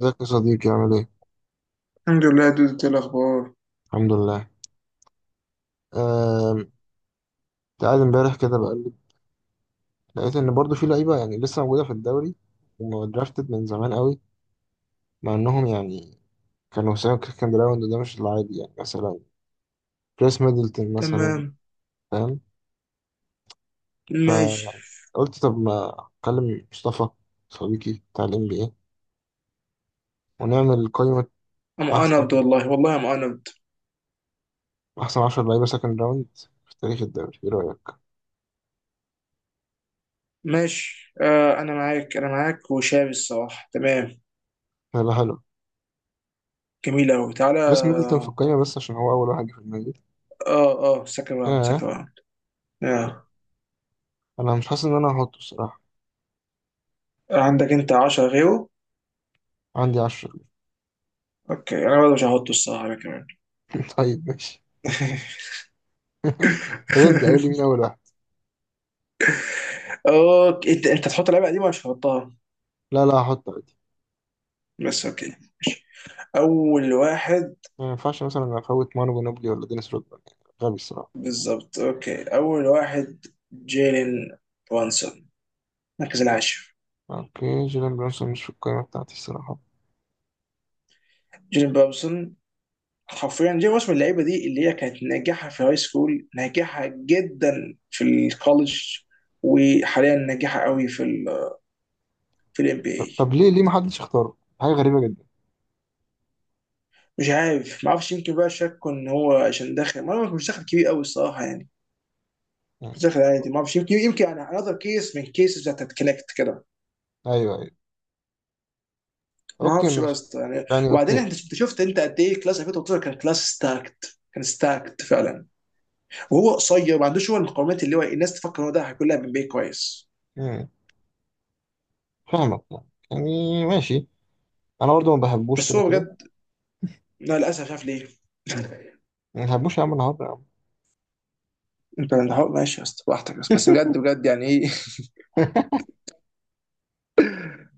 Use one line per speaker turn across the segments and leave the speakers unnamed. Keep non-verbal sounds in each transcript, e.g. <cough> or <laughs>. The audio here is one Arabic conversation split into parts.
ازيك يا صديقي؟ عامل ايه؟
الحمد لله دود. إنت إيه الاخبار؟
الحمد لله. آم، تعال امبارح كده بقلب، لقيت ان برضو في لعيبه يعني لسه موجوده في الدوري ومدرافتد من زمان قوي، مع انهم يعني كانوا ساهم كان جراوند وده مش العادي، يعني مثلا كريس ميدلتون مثلا،
تمام.
فاهم.
ماشي.
فقلت طب ما اكلم مصطفى، صديقي بتاع الام بي اي، ونعمل قائمه احسن
انبد والله، والله انبد.
10 لعيبه سكند راوند في تاريخ الدوري، ايه رايك؟
ماشي، آه، انا معاك، انا معاك وشاب الصراحه تمام.
هيبقى حلو.
جميل قوي. تعالى
كريس ميدلتون في القائمه، بس عشان هو اول واحد جه في دماغي.
اه اه سكند راوند سكند
آه.
راوند. آه.
انا مش حاسس ان انا هحطه الصراحه.
عندك انت 10 غيره.
عندي عشرة.
اوكي انا برضه مش هحطه الصراحه انا كمان.
<laughs> طيب ماشي. <laughs> طب ابدأ قول لي مين
<laughs>
أول واحد.
اوكي انت انت تحط لعبه قديمه مش هحطها
لا لا هحط عادي.
بس اوكي. اول واحد
ما ينفعش مثلا أفوت مانو جنوبلي ولا دينيس رودمان، يعني غبي الصراحة.
بالظبط. اوكي اول واحد جيلين برانسون المركز العاشر.
أوكي، جيلان برونسون مش في القائمة بتاعتي الصراحة.
جيلين برانسون حرفيا جاي موس من اللعيبه دي، اللي هي كانت ناجحه في هاي سكول، ناجحه جدا في الكولج، وحاليا ناجحه قوي في ال... في الام بي
طب,
اي.
طب ليه محدش اختاره؟ حاجة غريبة جدا.
مش عارف، ما اعرفش، يمكن بقى شكوا ان هو عشان داخل، ما أعرف، مش داخل كبير قوي الصراحه يعني. مش
يعني
داخل عادي، ما اعرفش، يمكن يمكن انا انذر كيس من كيسز بتاعت كونكت كده.
أيوه أيوه.
ما
أوكي
اعرفش
ماشي.
بس يعني.
يعني
وبعدين
أوكي.
انت شفت شفت انت قد ايه كلاس 2013 كان كلاس ستاكت، كان ستاكت فعلا. وهو قصير، ما عندوش هو المقومات اللي هو الناس تفكر ان هو ده هيكون لاعب ام بي اي كويس.
مم. فاهمك، يعني ماشي. أنا برضو ما بحبوش
بس
كده
هو
كده.
بجد، لا للاسف مش عارف ليه. <laughs>
ما بحبوش يا عم النهاردة يا عم.
ماشي يا اسطى براحتك، بس بس بجد بجد يعني ايه.
<laughs>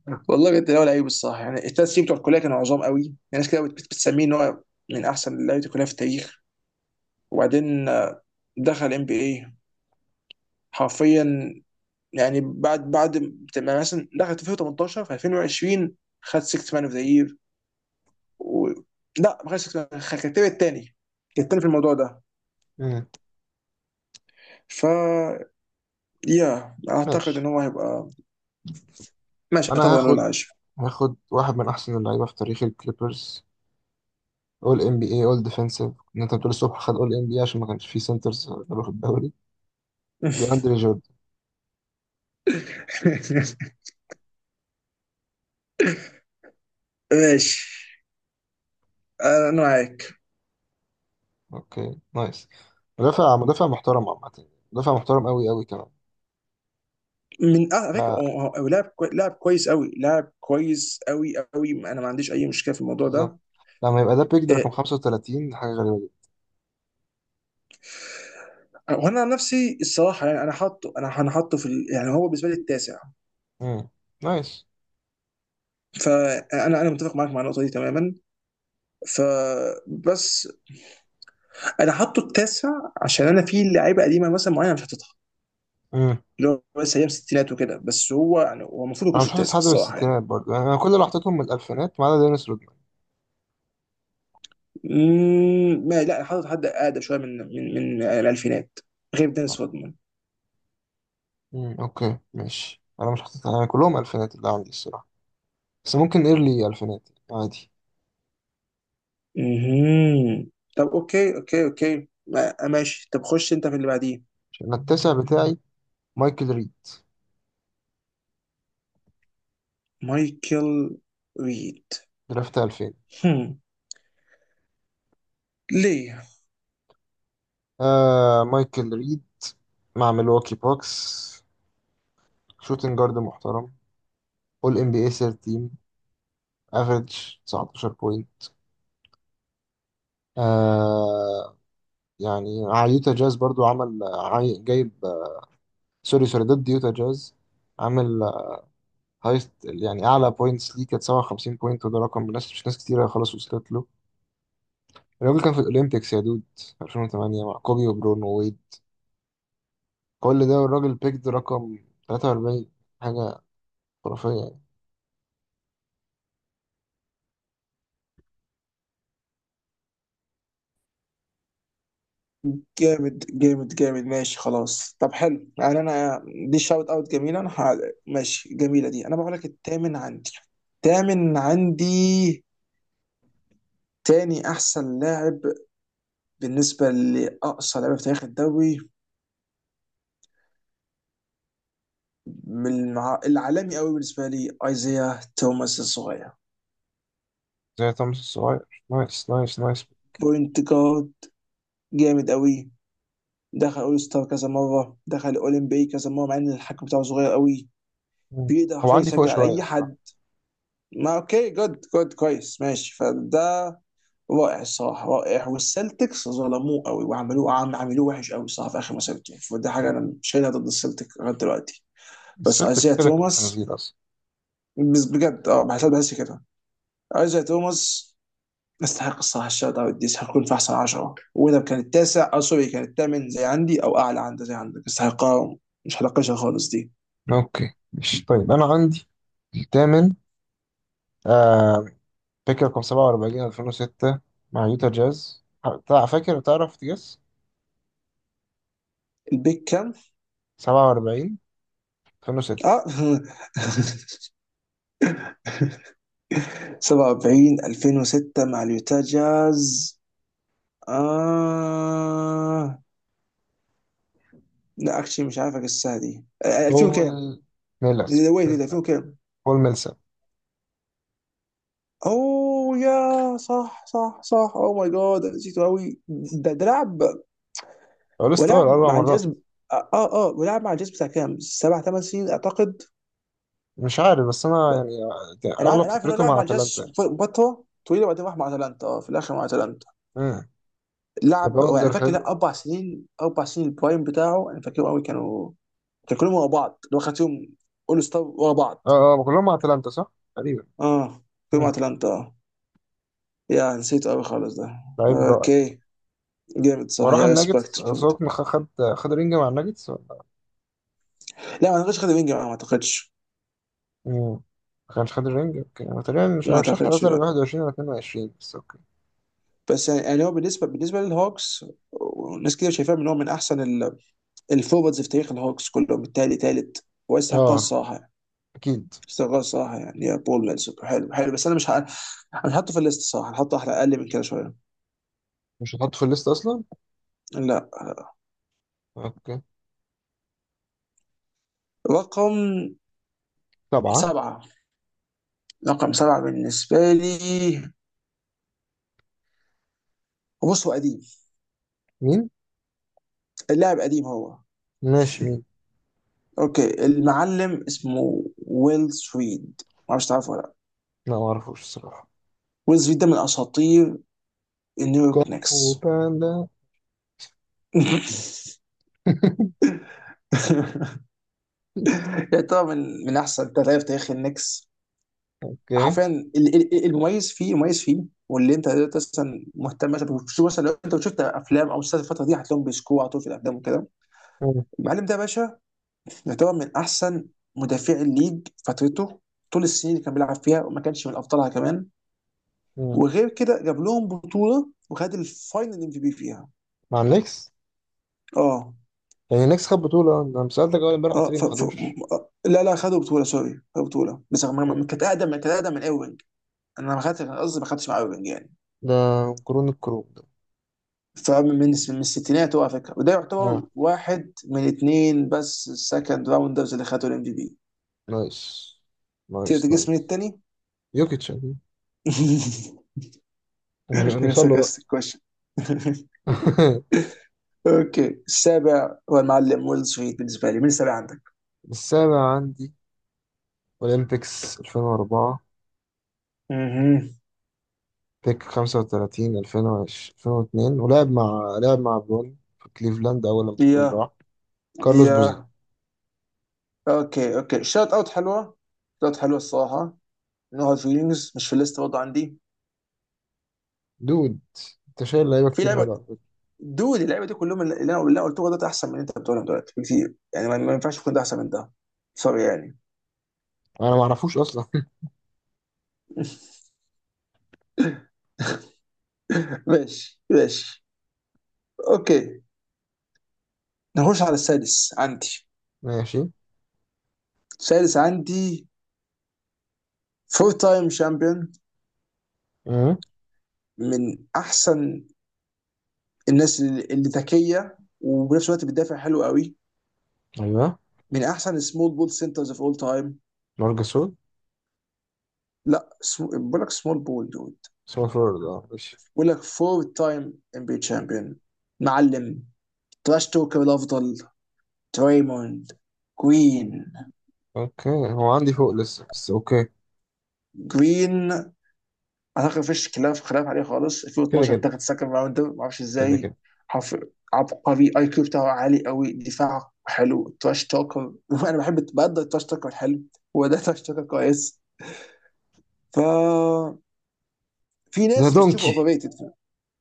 <laughs> والله بجد هو لعيب الصراحه يعني. الثلاث سنين بتوع الكليه كانوا عظام قوي يعني. ناس كده بتسميه ان هو من احسن لعيبه الكليه في التاريخ. وبعدين دخل ام بي اي حرفيا. يعني بعد بعد ما مثلا دخل 2018، في 2020 خد 6 مان اوف ذا يير و... لا ما خدش 6 مان، كان الثاني، كان الثاني في الموضوع ده.
مم.
ف يا اعتقد ان
ماشي.
هو هيبقى... ماشي اعتقد
أنا
انه
هاخد،
العاشر.
واحد من أحسن اللعيبة في تاريخ الكليبرز، اول ام بي اي، اول ديفensive، ان انت بتقول الصبح خد اول ام بي اي عشان ما كانش فيه سنترز قالوا في الدوري، دي اندري جوردن.
<laughs> ماشي، انا معاك.
اوكي نايس. مدافع محترم عامة، مدافع محترم قوي كمان.
من على فكره
ف-
هو هو لاعب كويس قوي، لاعب كويس قوي قوي، انا ما عنديش اي مشكله في الموضوع ده.
بالظبط. لما يبقى ده بيك ده رقم
إيه،
35، حاجة غريبة جدا.
وانا عن نفسي الصراحه يعني انا حاطه، انا انا حاطه في ال... يعني هو بالنسبه لي التاسع.
امم، نايس.
فانا انا متفق معاك مع النقطه دي تماما. فبس انا حاطه التاسع عشان انا في لعيبه قديمه مثلا معينه مش حاططها،
امم،
اللي هو بس ايام الستينات وكده. بس هو يعني، هو المفروض ما
انا
يكونش
مش حاسس
التاسع
حد من
الصراحه يعني.
الستينات برضه يعني، انا كل اللي حطيتهم من الالفينات ما عدا دينيس رودمان.
ما لا حاطط حد اقدم شويه من من الالفينات غير دينيس رودمان.
اوكي ماشي. انا مش حاطط يعني، كلهم الفينات اللي عندي الصراحة، بس ممكن ايرلي الفينات عادي.
مهم. طب اوكي اوكي اوكي ماشي. طب خش انت في اللي بعديه.
عشان التاسع بتاعي مايكل ريد،
مايكل ريد.
درافت 2000.
هم. ليه؟
آه مايكل ريد، مع ميلواكي بوكس، شوتنج جارد محترم، اول ام بي اي سير تيم، افريج 19 بوينت. آه، يعني مع يوتا جاز برضو عمل جايب، سوري سوري، ضد يوتا جاز، عامل هايست يعني اعلى بوينتس ليه، كانت 57 بوينت، وده رقم ناس مش ناس كتيره خلاص وصلت له. الراجل كان في الاولمبيكس يا دود، 2008 مع كوبي وبرون وويد، كل ده والراجل بيكد رقم 43. حاجه خرافيه يعني.
جامد جامد جامد. ماشي خلاص. طب حلو يعني انا دي شاوت اوت جميله. ماشي جميله دي. انا بقول لك التامن عندي، التامن عندي، تاني احسن لاعب بالنسبه لاقصى لعيبه في تاريخ الدوري. من العالمي قوي بالنسبه لي ايزيا توماس الصغير.
زي توماس الصغير، نايس نايس نايس.
بوينت جارد جامد قوي، دخل اول ستار كذا مره، دخل اولمبي كذا مره مع ان الحكم بتاعه صغير قوي.
مم.
بيقدر
هو
حرفيا
عندي فوق
يسجل على
شوية
اي حد.
الصراحة.
ما اوكي جود جود كويس ماشي. فده رائع الصراحه رائع. والسلتكس ظلموه قوي وعملوه عملوه وحش قوي الصراحه في اخر مسيرته يعني. فده حاجه
يعني
انا مش شايلها ضد السلتك لغايه دلوقتي. بس
السلتكس
ايزيا
كده كده
توماس،
خنزير أصلا.
بس بجد اه بحس بحس كده ايزيا توماس يستحق الصراحه الشوت اوت دي. يستحقون في احسن 10، واذا كان التاسع او سوري كان الثامن زي عندي او اعلى عنده زي عندك، يستحقها. مش هناقشها خالص دي.
أوكي مش، طيب أنا عندي الثامن، آه، بيك رقم 47 2006 مع يوتا جاز. فاكر؟ تعرف تجس؟
البيك كام؟
47 2006.
اه <laughs> <applause> 47 2006 مع اليوتا جاز. آه لا اكشلي مش عارف اجسها دي. آه، 2000 كام؟
بول ميلس
ويت ويت
ميلسا،
2000 كام؟
بول ميلسا.
اوه يا صح صح صح. اوه ماي جاد نسيته قوي ده. ده لعب
أول ستار
ولعب
أربع
مع الجاز.
مرات.
اه اه آه، ولعب مع الجاز بتاع كام؟ سبع ثمان سنين اعتقد.
مش عارف، بس أنا يعني
انا عارف،
أغلب
انا عارف انه
فترته
لعب
مع
مع الجاز
أتلانتا يعني.
فتره طويله وبعدين راح مع اتلانتا، اه في الاخر مع اتلانتا.
مم.
لعب انا
ريباوندر
فاكر لا
حلو.
اربع سنين، اربع سنين البرايم بتاعه انا فاكرهم قوي. كانوا كانوا كلهم ورا بعض اللي هو خد فيهم اول ستار ورا بعض.
أه أه كلهم مع أتلانتا صح؟ تقريبا.
اه كلهم مع
مم.
اتلانتا اه. يا نسيت قوي خالص ده.
لعيب رائع.
اوكي جامد، صح
وراح
يا ريسبكت.
الناجتس، سوق خد، خد رينج مع الناجتس ولا؟
لا ما اعتقدش خد وينج معاه، ما اعتقدش.
مم. ما كانش خد الرينج. اوكي انا تقريبا مش،
ما
انا مش عارف،
اعتقدش
اعتذر
لا.
21 ولا 22، بس اوكي.
بس يعني، يعني هو بالنسبه للهوكس، ناس كتير شايفاه ان هو من احسن الفورواردز في تاريخ الهوكس كلهم. التالي تالت ويستحقها
اه
الصراحه.
اكيد.
يستحقها الصراحه يعني يا بول لانسر، حلو حلو. بس انا مش ه... انا هحطه في الليست الصراحه، هحطه احلى اقل من كده شويه.
مش هتحط في الليست اصلا؟
لا.
اوكي.
رقم
سبعة.
سبعه، رقم سبعه بالنسبه لي. بص هو قديم،
مين؟
اللاعب قديم هو.
ماشي، مين؟
اوكي المعلم اسمه ويل سويد، ما اعرفش تعرفه ولا لا.
لا ما اعرفوش الصراحة.
ويل سويد ده من اساطير النيويورك
كونغ
نيكس.
باندا. <laughs>
<laughs> لا طبعا من من احسن تلاتة في تاريخ النكس
اوكي.
حرفيا. المميز فيه مميز فيه. واللي انت دلوقتي اصلا مهتم مثلا بتشوف، مثلا لو انت شفت افلام او مسلسلات الفتره دي، هتلاقيهم بيسكوا على طول في الافلام وكده.
مم.
المعلم ده يا باشا يعتبر من احسن مدافع الليج فترته، طول السنين اللي كان بيلعب فيها، وما كانش من ابطالها كمان.
مم.
وغير كده جاب لهم بطوله وخد الفاينل ام في بي فيها.
مع النكس.
اه.
يعني النكس خد بطولة؟ انا لما سألتك اول امبارح قلت
اه
لي
ف...
ما
ف...
خدوش.
لا لا خدوا بطوله. سوري خدوا بطوله، بس
آه.
كانت اقدم، كانت اقدم من ايرفينج. انا ما خدتش، قصدي ما خدتش مع ايرفينج يعني.
ده كرون الكروب ده.
فمن من الستينات هو على فكره، وده يعتبر
اه
واحد من اثنين بس السكند راوندرز اللي خدوا الام في بي.
نايس،
تقدر
نايس
تجس من
نايس.
الثاني؟
يوكيتش أكيد.
<laughs> مش
ومن وصل له بقى؟
ساركاستيك كويشن. <laughs>
<laughs>
اوكي السابع هو المعلم ويل سويت بالنسبه لي. من السابع عندك؟
السابع عندي أولمبيكس 2004،
اها.
بيك 35 2020 2002، ولعب مع برون في كليفلاند أول لما برون
يا
راح، كارلوس بوزين.
يا، اوكي اوكي شوت اوت حلوه، شوت اوت حلوه الصراحه. نو هارد فيلينجز، مش في الليست برضه عندي.
دود أنت شايل لعيبة
في
كتير
لعبه
حلوة على فكرة.
دود اللعبه دي كلهم اللي انا اللي أنا قلته ده احسن من اللي انت بتقولهم دلوقتي بكتير يعني، ما ما ينفعش يكون ده احسن من ده، سوري يعني.
أنا ما أعرفوش أصلا. <laughs>
<laughs> ماشي ماشي. اوكي نخش على السادس عندي.
ماشي.
السادس عندي فور تايم شامبيون.
أمم،
من احسن الناس اللي اللي ذكيه وبنفس الوقت بتدافع حلو قوي.
أيوه.
من احسن سمول بول سنترز اوف اول تايم.
مارجاسول.
لا بقول لك سمول بول دود.
سمول فورورد، أه ماشي.
بقول لك فور تايم ام بي شامبيون. معلم تراش توكر الافضل. تريموند جرين.
أوكي هو عندي فوق لسه، بس أوكي.
جرين اعتقد مفيش خلاف، خلاف عليه خالص.
كده
2012
كده،
اتاخد سكند راوند ما اعرفش
كده
ازاي.
كده.
حرف عبقري، اي كيو بتاعه عالي قوي، دفاعه حلو، تراش توكر. <laughs> انا بحب بقدر التراش توكر الحلو. هو ده تراش توكر كويس. ف في
ده
ناس بتشوفه اوفر
دونكي.
ريتد.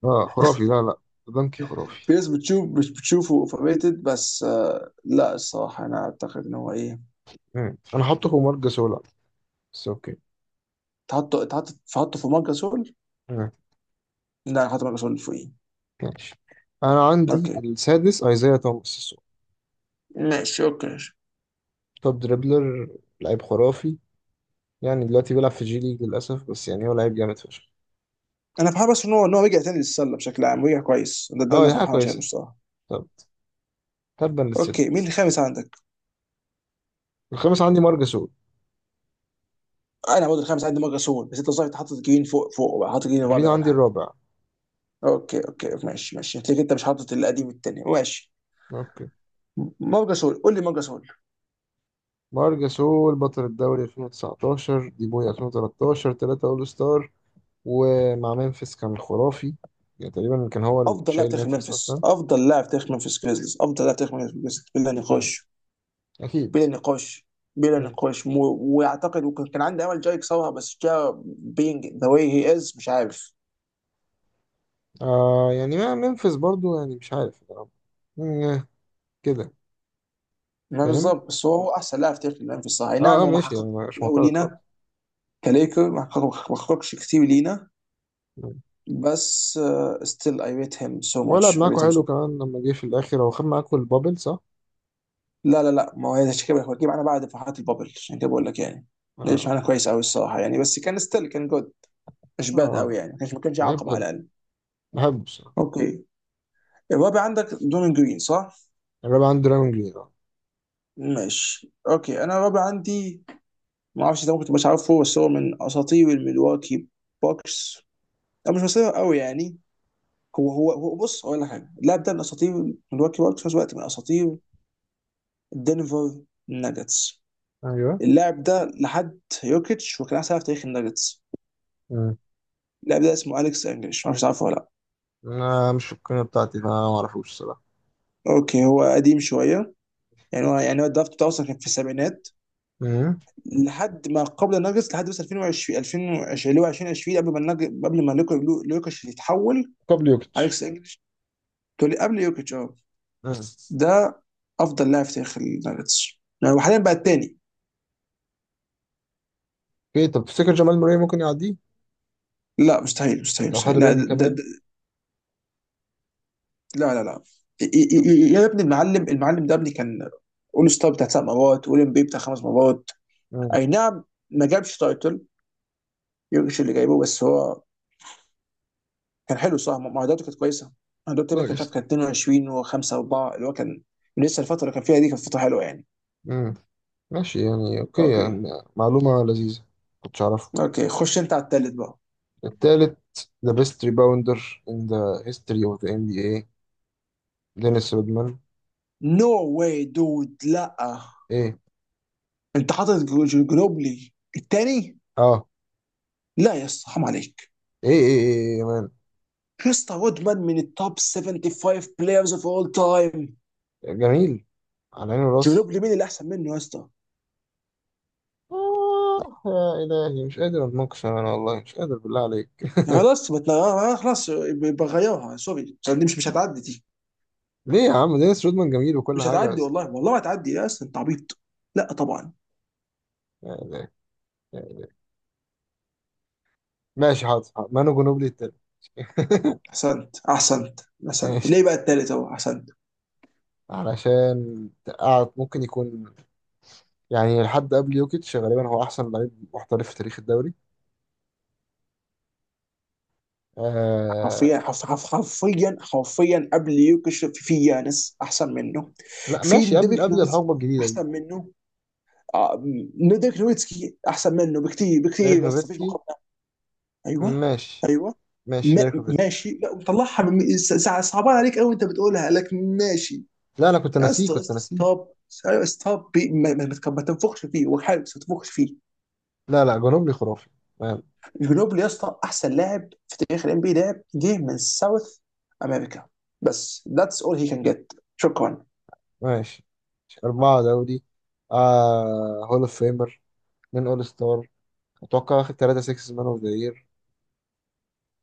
أه خرافي، لا لا، ده دونكي خرافي.
في ناس بتشوف مش بتشوفه اوفر ريتد. بس لا الصراحه انا اعتقد ان هو ايه.
أمم، أنا حاطه فوق مارجاسول، بس أوكي.
تحطه تحطه في ماركس سول.
مم.
لا هحط ماركس سول فوقيه.
ماشي. انا عندي
اوكي
السادس ايزايا توماس
ماشي اوكي.
توب دريبلر، لعيب خرافي، يعني دلوقتي بيلعب في جي ليج للاسف، بس يعني هو لعيب جامد فشخ.
انا فرحان بس ان هو ان هو رجع تاني للسله بشكل عام، رجع كويس، ده ده
اه
اللي
دي
انا
حاجه
فرحان عشانه
كويسه.
الصراحه.
طب، تبا
اوكي مين
للسيلتكس.
الخامس عندك؟
الخامس عندي مارجاسول.
انا برضه الخامس عندي مجا سول. بس انت صحيح حاطط جرين فوق؟ فوق بقى حاطط جرين
جرين
الرابع ولا
عندي
حاجه؟
الرابع.
اوكي اوكي ماشي ماشي، هتلاقيك انت مش حاطط القديم التاني. ماشي.
اوكي.
مارجا سول، قول لي مارجا سول.
مارجاسول بطل الدوري 2019، دي بوي 2013، ثلاثة اول ستار، ومع ممفيس كان خرافي. يعني تقريبا كان هو اللي
افضل لاعب
شايل
تاريخ
ممفيس
منفس،
اصلا.
افضل لاعب تاريخ منفس جريزليز، افضل لاعب تاريخ منفس جريزليز بلا
مم.
نقاش.
اكيد.
بلا نقاش، بلا
مم.
نقاش. و... واعتقد وكان، كان عندي امل جاي يكسرها، بس جا بينج ذا واي هي از مش عارف.
آه يعني، ما ممفيس برضو يعني مش عارف. مم. كده.
ما
فاهم.
بالظبط، بس هو احسن لاعب تاريخ منفس صح، أي
اه
نعم
اه
هو ما
ماشي،
حقق.
يعني مش
الاول
معترض خالص.
لينا كليكر ما حققش كتير لينا، بس ستيل اي ريت هيم سو
ولعب
ماتش، اي ريت
معاكوا
هيم سو.
حلو كمان لما جه في الاخر، هو خد معاكوا البابل صح؟
لا لا لا، ما هو عشان كده جه معانا بعد فرحات البابل، عشان كده بقول لك يعني.
اه
ليش معانا
اوكي.
كويس قوي الصراحه يعني، بس كان ستيل كان جود. مش باد قوي
اه
يعني، ما كانش ما كانش
لعيب
عقبه
حلو،
على الاقل.
بحبه الصراحه.
اوكي الرابع عندك دون جرين صح؟
الرابع عندي دراجون جليد اه.
ماشي اوكي انا الرابع عندي ما اعرفش ده، ممكن تبقاش عارفه، بس هو من اساطير الملواكي بوكس. او مش اساطير قوي يعني. هو هو هو بص اقول لك حاجه، اللاعب ده من اساطير الملواكي بوكس، في نفس الوقت من اساطير دنفر ناجتس.
ايوه.
اللاعب ده لحد يوكيتش وكان احسن لاعب في تاريخ الناجتس.
مم.
اللاعب ده اسمه اليكس انجلش، ما اعرفش عارفه ولا لا.
انا مش في القناة بتاعتي، فانا ما اعرفوش الصراحه.
اوكي هو قديم شويه يعني. هو يعني هو الدرافت بتاعه أصلاً كان في السبعينات.
مم.
لحد ما قبل الناجتس لحد بس 2020 2020، اللي هو 2020 قبل ما قبل ما لوكيتش يتحول.
قبل يوكيتش.
اليكس انجلش. تقول لي قبل يوكيتش اه.
مم.
ده افضل لاعب في تاريخ الناجتس، يعني هو حاليا بقى الثاني.
اوكي. طب تفتكر جمال موري ممكن يعديه؟
لا مستحيل مستحيل
لو خد
مستحيل لا.
الرينج
ده,
كمان.
ده, لا لا لا. يا ابني المعلم ده ابني كان اول ستار بتاع سبع مرات، اول ام بي بتاع خمس مرات.
مم.
اي نعم ما جابش تايتل، يورجش اللي جايبه، بس هو كان حلو صح، معداته كانت كويسه. معداته تقريبا كان
نايس.
شاف، كان 22 و5 4 اللي هو كان. لسه الفتره اللي كان فيها دي كانت فتره حلوه يعني.
مم. ماشي يعني اوكي
اوكي.
يعني. معلومة لذيذة، كنتش اعرفها.
اوكي خش انت على التالت بقى.
التالت the best rebounder in the history of the NBA، دينيس رودمان.
نو واي دود، لا.
ايه؟
انت حاطط جنوبلي التاني؟
اه
لا يا اسطى حرام عليك.
ايه ايه ايه يا مان.
يا اسطى وودمان من التوب 75 بلايرز اوف اول تايم.
جميل، على عيني
جنوب
وراسي.
مين اللي احسن منه يا اسطى؟
آه، يا إلهي، مش قادر أتناقش أنا، والله مش قادر، بالله عليك.
يعني خلاص ما تنا- خلاص. بغيرها سوري دي، مش مش هتعدي دي.
ليه يا عم؟ دينيس رودمان جميل وكل
مش
حاجة،
هتعدي
بس.
والله والله ما هتعدي يا اسطى، انت عبيط. لا طبعا.
يا إلهي. ماشي حاضر حاضر. مانو جنوبلي التاني. <laughs>
احسنت احسنت. احسنت
ماشي.
ليه بقى التالت اهو؟ احسنت.
علشان قاعد ممكن يكون، يعني لحد قبل يوكيتش غالبا هو أحسن لعيب محترف في تاريخ الدوري. آه.
حرفيا حرفيا حرفيا قبل يوكش في في يانس احسن منه.
لا
في
ماشي، قبل
ديريك نويتسكي
الحقبة الجديدة دي.
احسن منه. آه، ديريك نويتسكي احسن منه بكتير
ديريك
بكتير يا اسطى، مفيش
نوفيتسكي.
مقارنه. ايوه.
ماشي.
ايوه.
ماشي،
ما
ديريك نوفيتسكي.
ماشي، لا وطلعها من ساعة صعبان عليك قوي انت بتقولها لكن ماشي.
لا انا كنت
يا
ناسيه،
اسطى يا اسطى ستوب. ايوه ستوب ما تنفخش فيه وحارس ما تنفخش فيه.
لا لا جنوبلي خرافي. ما-
جنوبلي يا اسطى احسن لاعب في تاريخ الام بي لاعب جه من ساوث امريكا بس، ذاتس اول هي كان جيت، شكرا.
ماشي. أربعة دوري، آه، هول اوف فيمر، اتنين اول ستار، اتوقع واخد تلاتة سكس مان اوف ذا يير.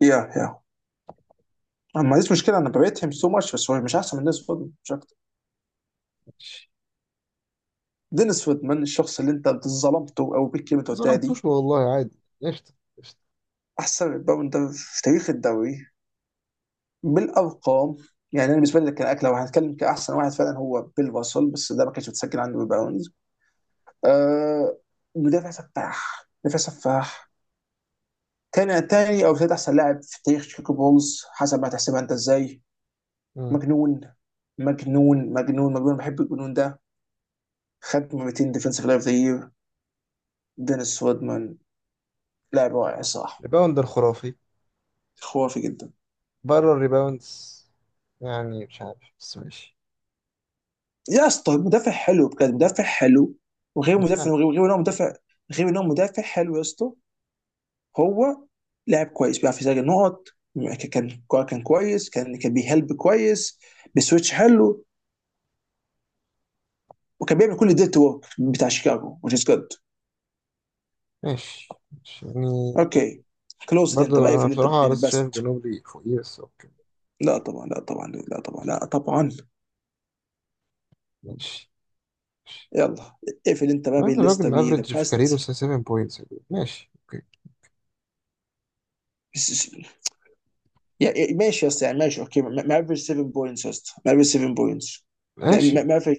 يا يا، أنا ما عنديش مشكله، انا بريت هيم سو ماتش، بس هو مش احسن من دينيس فودمان، مش اكتر. دينيس فودمان الشخص اللي انت ظلمته او بالكلمه اللي أنت قلتها دي.
ظلمتوش والله، عادي قشطة، قشطة.
احسن ريباوندر في تاريخ الدوري بالارقام. يعني انا بالنسبه لي ده كان اكله، لو هنتكلم كاحسن واحد فعلا هو بيل راسل، بس ده ما كانش متسجل عنده بالباونز. آه. مدافع سفاح، مدافع سفاح. كان تاني او ثالث احسن لاعب في تاريخ شيكاغو بولز حسب ما تحسبها انت ازاي.
مم.
مجنون مجنون مجنون، بحب الجنون ده. خد 200 ديفنسيف لايف ذا يير، دينيس رودمان لاعب رائع الصراحه.
ريباوندر خرافي،
خرافي جدا.
بره الريباوندز، يعني مش عارف بس ماشي.
يا اسطى مدافع حلو بجد، مدافع حلو. وغير مدافع، وغير غير انه مدافع، غير انه مدافع حلو يا اسطى، هو لاعب كويس بيعرف يسجل نقط. كان، كان كويس، كان كان بيهلب كويس، بسويتش حلو. وكان بيعمل كل الديرت ورك بتاع شيكاغو which is good.
ماشي ماشي. يعني
اوكي كلوز انت بقى،
برضو انا
اقفل انت
بصراحة لسه شايف
بيست.
جنوبلي فوقيه، بس اوكي.
لا طبعا لا طبعا.
ماشي.
يلا اقفل انت بقى
يعني الراجل
بالليستا بي ذا
مافريج في كاريره
بيست.
7 بوينتس. ماشي اوكي.
يعني ماشي يا اسطى، يعني ماشي اوكي، مافريج 7 بوينتس يا اسطى، مافريج 7 بوينتس. يعني
ماشي.
مافريج،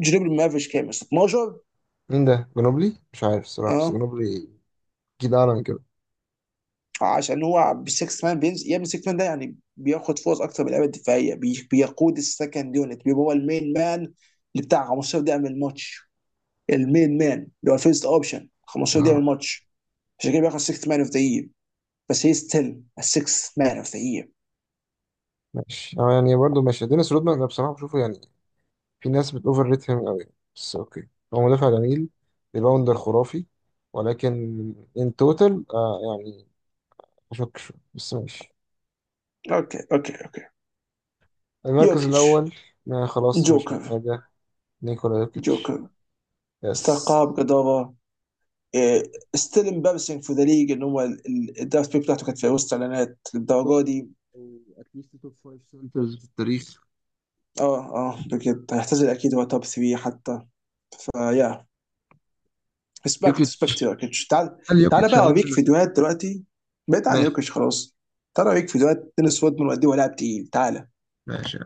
جنوب المافريج كام يا اسطى، 12؟
مين ده؟ جنوبلي، مش عارف الصراحه، بس
اه
جنوبلي جيل اعلى من كده.
عشان هو بالسكس مان بينزل يا ابني. السكس مان ده يعني بياخد فرص اكتر من اللعيبه الدفاعيه، بيقود السكند يونت، بيبقى هو المين مان اللي بتاع 15 دقيقه من الماتش، المين مان اللي هو الفيرست اوبشن 15 دقيقه من
اه
الماتش، عشان كده بياخد 6 مان اوف ذا يير. بس هي ستيل 6 مان اوف ذا يير.
ماشي. اه يعني برضه ماشي. دينيس رودمان انا بصراحه بشوفه يعني، في ناس بتوفر ريت هيم قوي، بس اوكي. هو مدافع جميل، ريباوندر خرافي، ولكن ان توتال آه يعني، اشك شويه، بس ماشي.
اوكي اوكي اوكي.
المركز
يوكيتش.
الاول. ما خلاص مش
جوكر.
محتاجه. نيكولا يوكيتش.
جوكر.
يس.
استقاب جدارة. ستيل امبارسنج في ذا ليج ان هو الدرافت بيك بتاعته كانت في وسط اعلانات
توب
للدرجه
3،
دي.
او اتليست توب 5 سنترز في التاريخ.
اه اه بجد هيعتزل اكيد هو توب 3 حتى. فيا ريسبكت ريسبكت
يوكيتش،
يوكيتش. تعال،
هل
تعال
يوكيتش
بقى اوريك
هينهي مسيرته؟
فيديوهات دلوقتي. بعيد عن
ماشي
يوكيتش خلاص. تعال اوريك فيديوهات دينيس رودمان وقد ايه هو لاعب تقيل. تعال
ماشي.